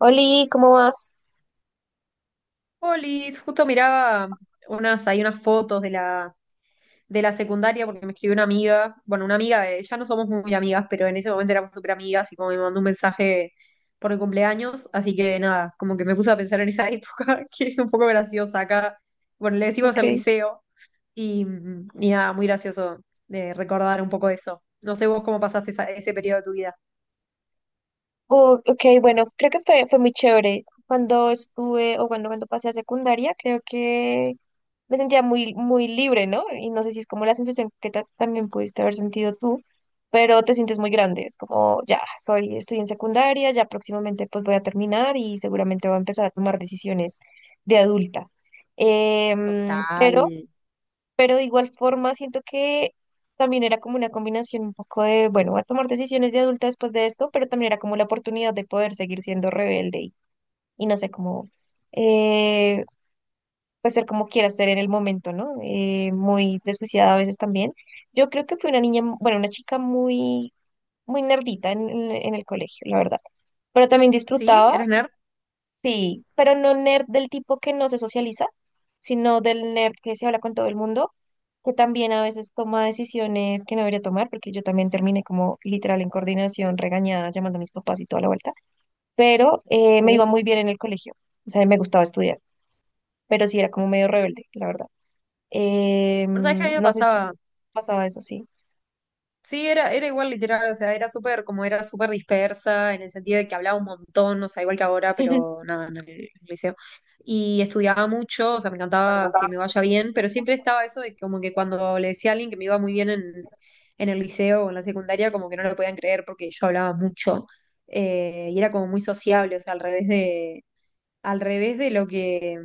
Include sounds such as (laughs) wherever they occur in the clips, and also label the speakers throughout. Speaker 1: Oli, ¿cómo vas?
Speaker 2: Polis, justo miraba unas, hay unas fotos de la secundaria porque me escribió una amiga, bueno, una amiga, ya no somos muy amigas, pero en ese momento éramos súper amigas y como me mandó un mensaje por el cumpleaños, así que nada, como que me puse a pensar en esa (laughs) época, que es un poco graciosa acá, bueno, le decimos el liceo y, y nada, muy gracioso de recordar un poco eso. No sé vos cómo pasaste ese periodo de tu vida.
Speaker 1: Oh, ok, bueno, creo que fue muy chévere. Cuando estuve, o bueno, cuando pasé a secundaria, creo que me sentía muy, muy libre, ¿no? Y no sé si es como la sensación que también pudiste haber sentido tú, pero te sientes muy grande. Es como, ya, soy, estoy en secundaria, ya próximamente pues voy a terminar y seguramente voy a empezar a tomar decisiones de adulta. Em, pero pero de igual forma siento que también era como una combinación un poco de, bueno, voy a tomar decisiones de adulta después de esto, pero también era como la oportunidad de poder seguir siendo rebelde y no sé, cómo eh, pues ser como quiera ser en el momento, ¿no? Muy desjuiciada a veces también. Yo creo que fui una niña, bueno, una chica muy, muy nerdita en, en el colegio, la verdad, pero también
Speaker 2: ¿Sí?
Speaker 1: disfrutaba.
Speaker 2: ¿Eras nerd?
Speaker 1: Sí, pero no nerd del tipo que no se socializa, sino del nerd que se habla con todo el mundo, que también a veces toma decisiones que no debería tomar, porque yo también terminé como literal en coordinación, regañada, llamando a mis papás y toda la vuelta, pero me iba
Speaker 2: Uh.
Speaker 1: muy bien en el colegio, o sea, me gustaba estudiar, pero sí era como medio rebelde, la verdad.
Speaker 2: Bueno, sabés que a mí me
Speaker 1: No sé si
Speaker 2: pasaba.
Speaker 1: pasaba eso, sí.
Speaker 2: Sí, era igual literal, o sea, era súper, como era súper dispersa, en el sentido de que hablaba un montón, o sea, igual que ahora,
Speaker 1: (laughs)
Speaker 2: pero nada, en el liceo. Y estudiaba mucho, o sea, me encantaba que me vaya bien, pero siempre estaba eso de que como que cuando le decía a alguien que me iba muy bien en el liceo o en la secundaria, como que no lo podían creer porque yo hablaba mucho, y era como muy sociable, o sea, al revés al revés de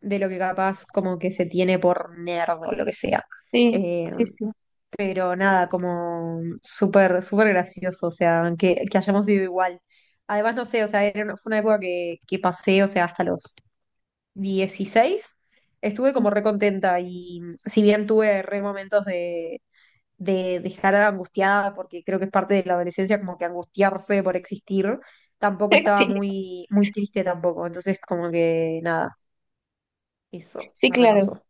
Speaker 2: de lo que capaz como que se tiene por nerd o lo que sea.
Speaker 1: Sí,
Speaker 2: Eh,
Speaker 1: sí, sí.
Speaker 2: pero nada, como súper, súper gracioso, o sea, que hayamos ido igual. Además, no sé, o sea, fue una época que pasé, o sea, hasta los 16 estuve como re contenta y si bien tuve re momentos de estar angustiada, porque creo que es parte de la adolescencia como que angustiarse por existir, tampoco
Speaker 1: (laughs)
Speaker 2: estaba
Speaker 1: Sí,
Speaker 2: muy, muy triste tampoco, entonces como que nada, eso,
Speaker 1: sí,
Speaker 2: me
Speaker 1: claro.
Speaker 2: repasó.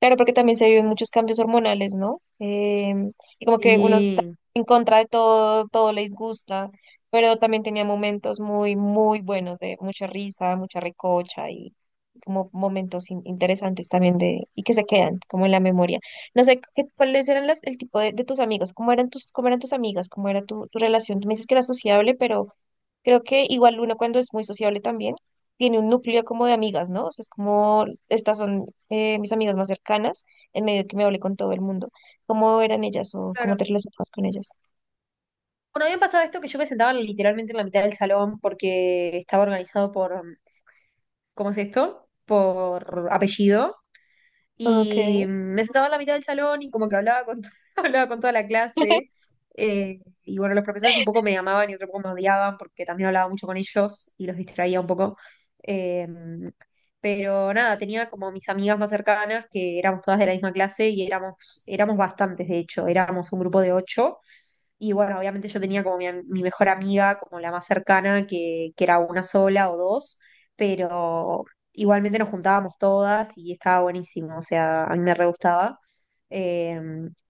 Speaker 1: Claro, porque también se viven muchos cambios hormonales, ¿no? Y como que uno está
Speaker 2: Sí.
Speaker 1: en contra de todo, todo le disgusta, pero también tenía momentos muy, muy buenos de mucha risa, mucha recocha y como momentos interesantes también de, y que se quedan como en la memoria. No sé, ¿qué, cuáles eran las, el tipo de tus amigos? Cómo eran tus amigas? ¿Cómo era tu, tu relación? Tú me dices que era sociable, pero creo que igual uno cuando es muy sociable también tiene un núcleo como de amigas, ¿no? O sea, es como, estas son mis amigas más cercanas, en medio de que me hablé con todo el mundo. ¿Cómo eran ellas o cómo te relacionabas con ellas?
Speaker 2: Bueno, a mí me pasaba esto que yo me sentaba literalmente en la mitad del salón porque estaba organizado por, ¿cómo es esto? Por apellido.
Speaker 1: Okay.
Speaker 2: Y me sentaba en la mitad del salón y como que hablaba con, (laughs) hablaba con toda la clase. Y bueno, los profesores un poco me amaban y otro poco me odiaban porque también hablaba mucho con ellos y los distraía un poco. Eh, pero nada, tenía como mis amigas más cercanas que éramos todas de la misma clase y éramos bastantes, de hecho, éramos un grupo de ocho. Y bueno, obviamente yo tenía como mi mejor amiga, como la más cercana, que era una sola o dos, pero igualmente nos juntábamos todas y estaba buenísimo, o sea, a mí me re gustaba. Eh,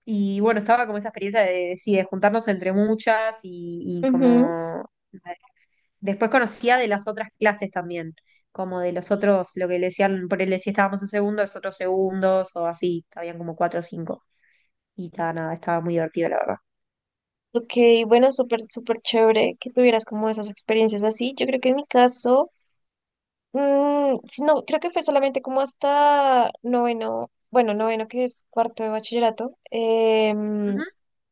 Speaker 2: y bueno, estaba como esa experiencia sí, de juntarnos entre muchas y
Speaker 1: Ujú.
Speaker 2: como... Después conocía de las otras clases también, como de los otros, lo que le decían, por él si estábamos en segundo, los otros segundos o así, habían como cuatro o cinco. Y estaba nada, estaba muy divertido, la verdad.
Speaker 1: Ok, bueno, súper, súper chévere que tuvieras como esas experiencias así. Yo creo que en mi caso, mm, si no, creo que fue solamente como hasta noveno, bueno, noveno que es cuarto de bachillerato.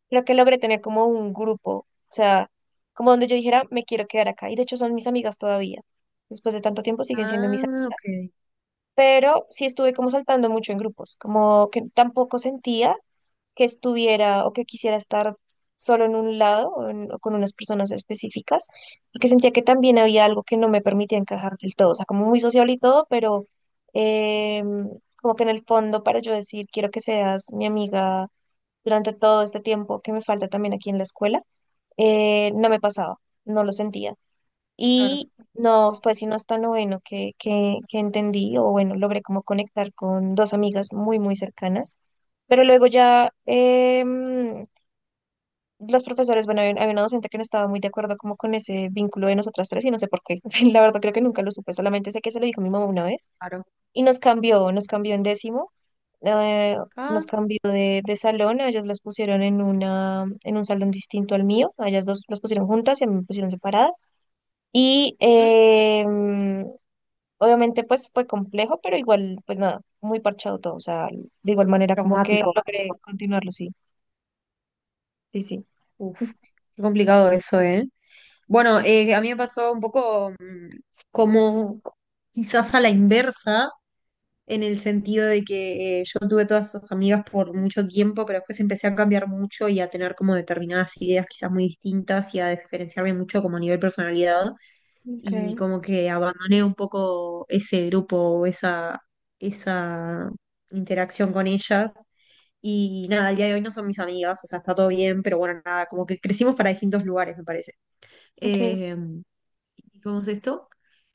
Speaker 1: Creo que logré tener como un grupo, o sea, como donde yo dijera, me quiero quedar acá. Y de hecho son mis amigas todavía. Después de tanto tiempo siguen siendo mis
Speaker 2: Ah, ok,
Speaker 1: amigas. Pero sí estuve como saltando mucho en grupos, como que tampoco sentía que estuviera o que quisiera estar solo en un lado o, o con unas personas específicas, porque sentía que también había algo que no me permitía encajar del todo. O sea, como muy social y todo, pero em, como que en el fondo para yo decir, quiero que seas mi amiga durante todo este tiempo que me falta también aquí en la escuela, no me pasaba, no lo sentía.
Speaker 2: claro.
Speaker 1: Y no fue sino hasta noveno que entendí, o bueno, logré como conectar con dos amigas muy, muy cercanas. Pero luego ya los profesores, bueno, había una docente que no estaba muy de acuerdo como con ese vínculo de nosotras tres y no sé por qué. (laughs) La verdad creo que nunca lo supe, solamente sé que se lo dijo mi mamá una vez.
Speaker 2: Claro.
Speaker 1: Y nos cambió en décimo eh,
Speaker 2: Ah,
Speaker 1: nos cambió de salón, a ellas las pusieron en una, en un salón distinto al mío, a ellas dos las pusieron juntas y a mí me pusieron separadas. Y
Speaker 2: ujú.
Speaker 1: obviamente pues fue complejo, pero igual, pues nada, muy parchado todo, o sea, de igual manera como que
Speaker 2: Traumático.
Speaker 1: logré continuarlo, sí, sí, sí.
Speaker 2: Uf, qué complicado eso, ¿eh? Bueno, a mí me pasó un poco mm, como quizás a la inversa, en el sentido de que yo tuve todas esas amigas por mucho tiempo, pero después empecé a cambiar mucho y a tener como determinadas ideas quizás muy distintas y a diferenciarme mucho como a nivel personalidad y
Speaker 1: Okay,
Speaker 2: como que abandoné un poco ese grupo, o esa interacción con ellas. Y nada, al día de hoy no son mis amigas, o sea, está todo bien, pero bueno, nada, como que crecimos para distintos lugares, me parece.
Speaker 1: okay.
Speaker 2: Eh, ¿Y ¿cómo es esto?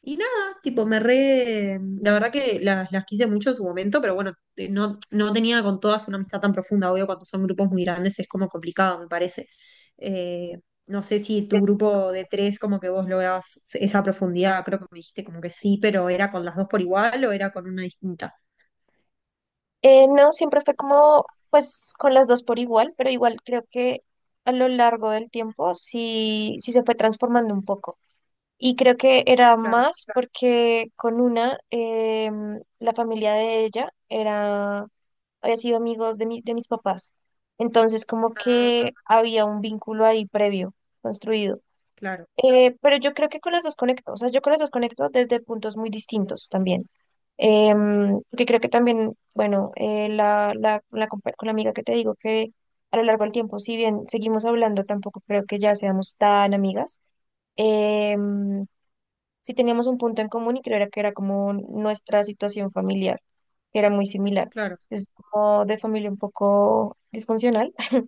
Speaker 2: Y nada, tipo, me re... La verdad que las quise mucho en su momento, pero bueno, no, no tenía con todas una amistad tan profunda, obvio, cuando son grupos muy grandes es como complicado, me parece. Eh, no sé si tu grupo de tres, como que vos lograbas esa profundidad, creo que me dijiste como que sí, pero ¿era con las dos por igual o era con una distinta?
Speaker 1: No, siempre fue como, pues, con las dos por igual, pero igual creo que a lo largo del tiempo sí, sí se fue transformando un poco. Y creo que era
Speaker 2: Claro.
Speaker 1: más porque con una, la familia de ella era, había sido amigos de de mis papás. Entonces, como
Speaker 2: Ah,
Speaker 1: que había un vínculo ahí previo, construido.
Speaker 2: claro,
Speaker 1: Pero yo creo que con las dos conecto, o sea, yo con las dos conecto desde puntos muy distintos también. Porque creo que también, bueno, la con la amiga que te digo que a lo largo del tiempo, si bien seguimos hablando, tampoco creo que ya seamos tan amigas. Em, sí teníamos un punto en común y creo era que era como nuestra situación familiar, que era muy similar.
Speaker 2: claro.
Speaker 1: Es como de familia un poco disfuncional. (laughs)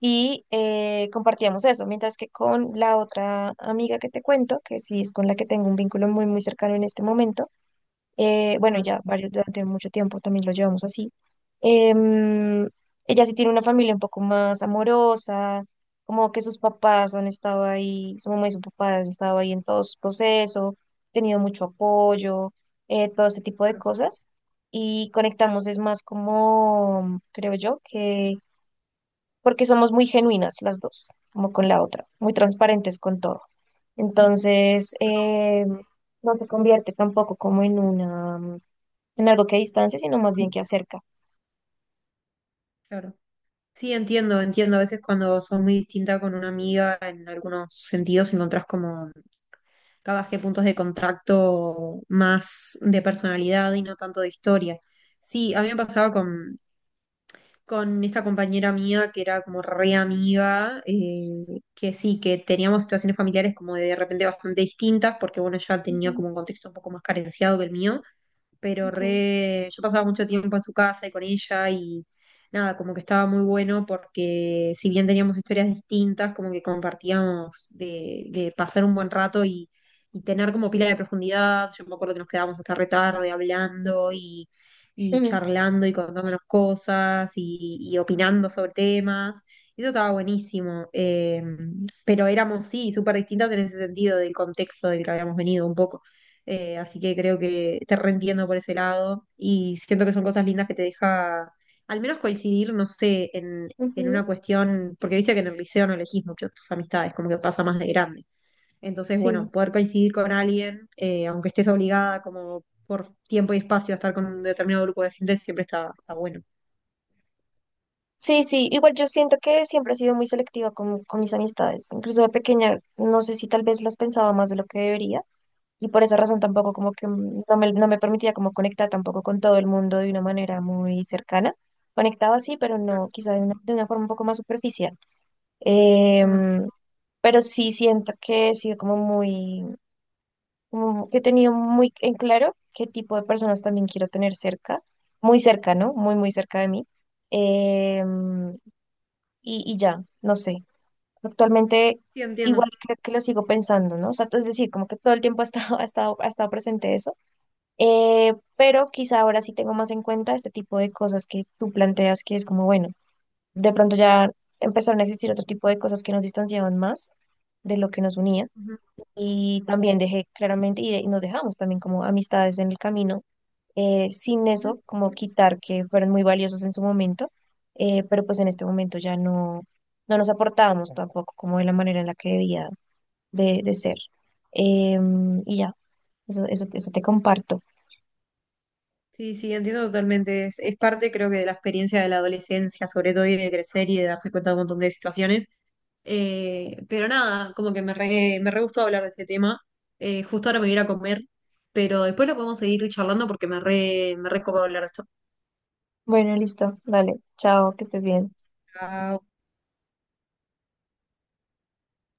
Speaker 1: Y compartíamos eso, mientras que con la otra amiga que te cuento, que sí es con la que tengo un vínculo muy, muy cercano en este momento, bueno, y
Speaker 2: Ajá,
Speaker 1: ya varios durante mucho tiempo también lo llevamos así. Em, ella sí tiene una familia un poco más amorosa, como que sus papás han estado ahí, su mamá y su papá han estado ahí en todo su proceso, tenido mucho apoyo, todo ese tipo de
Speaker 2: claro.
Speaker 1: cosas. Y conectamos es más como, creo yo, que porque somos muy genuinas las dos, como con la otra, muy transparentes con todo. Entonces, no se convierte tampoco como en una, en algo que distancia, sino más bien que acerca.
Speaker 2: Claro. Sí, entiendo, entiendo. A veces cuando sos muy distinta con una amiga, en algunos sentidos encontrás como cada que puntos de contacto más de personalidad y no tanto de historia. Sí, a mí me pasaba con esta compañera mía que era como re amiga, que sí, que teníamos situaciones familiares como de repente bastante distintas, porque bueno, ella tenía
Speaker 1: Ujú.
Speaker 2: como un contexto un poco más carenciado que el mío, pero
Speaker 1: Ok.
Speaker 2: re, yo pasaba mucho tiempo en su casa y con ella y nada, como que estaba muy bueno porque si bien teníamos historias distintas, como que compartíamos de pasar un buen rato y tener como pila de profundidad. Yo me acuerdo que nos quedábamos hasta re tarde hablando y
Speaker 1: Ujú,
Speaker 2: charlando y contándonos cosas y opinando sobre temas. Y eso estaba buenísimo, pero éramos, sí, súper distintas en ese sentido del contexto del que habíamos venido un poco. Así que creo que te reentiendo por ese lado y siento que son cosas lindas que te deja al menos coincidir, no sé, en
Speaker 1: ujú.
Speaker 2: una cuestión, porque viste que en el liceo no elegís mucho tus amistades, como que pasa más de grande. Entonces,
Speaker 1: Sí,
Speaker 2: bueno, poder coincidir con alguien, aunque estés obligada como por tiempo y espacio a estar con un determinado grupo de gente, siempre está, está bueno.
Speaker 1: sí, sí. Igual yo siento que siempre he sido muy selectiva con mis amistades. Incluso de pequeña, no sé si tal vez las pensaba más de lo que debería. Y por esa razón tampoco como que mm, no me permitía como conectar tampoco con todo el mundo de una manera muy cercana. Conectaba sí, pero
Speaker 2: Claro.
Speaker 1: no, quizá de una forma un poco más superficial.
Speaker 2: Ajá.
Speaker 1: Em, pero sí siento que he sido como muy, como que he tenido muy en claro qué tipo de personas también quiero tener cerca, muy cerca, ¿no? Muy, muy cerca de mí. Em, y ya, no sé. Actualmente
Speaker 2: Sí, entiendo.
Speaker 1: igual creo que lo sigo pensando, ¿no? O sea, es decir, como que todo el tiempo (laughs) ha estado presente eso. Pero quizá ahora sí tengo más en cuenta este tipo de cosas que tú planteas, que es como, bueno, de pronto ya empezaron a existir otro tipo de cosas que nos distanciaban más de lo que nos unía.
Speaker 2: Ujú,
Speaker 1: Y también dejé claramente, y, y nos dejamos también como amistades en el camino, sin
Speaker 2: ujú.
Speaker 1: eso, como quitar que fueron muy valiosos en su momento, pero pues en este momento ya no, no nos aportábamos tampoco como de la manera en la que debía de ser. Y ya, eso te comparto.
Speaker 2: Sí, sí, entiendo totalmente. Es parte, creo que, de la experiencia de la adolescencia, sobre todo, y de crecer y de darse cuenta de un montón de situaciones. Pero nada, como que me re gustó hablar de este tema. Justo ahora me voy a ir a comer, pero después lo podemos seguir charlando porque me re copó hablar de esto.
Speaker 1: Bueno, listo, dale, chao, que estés bien.
Speaker 2: Chao.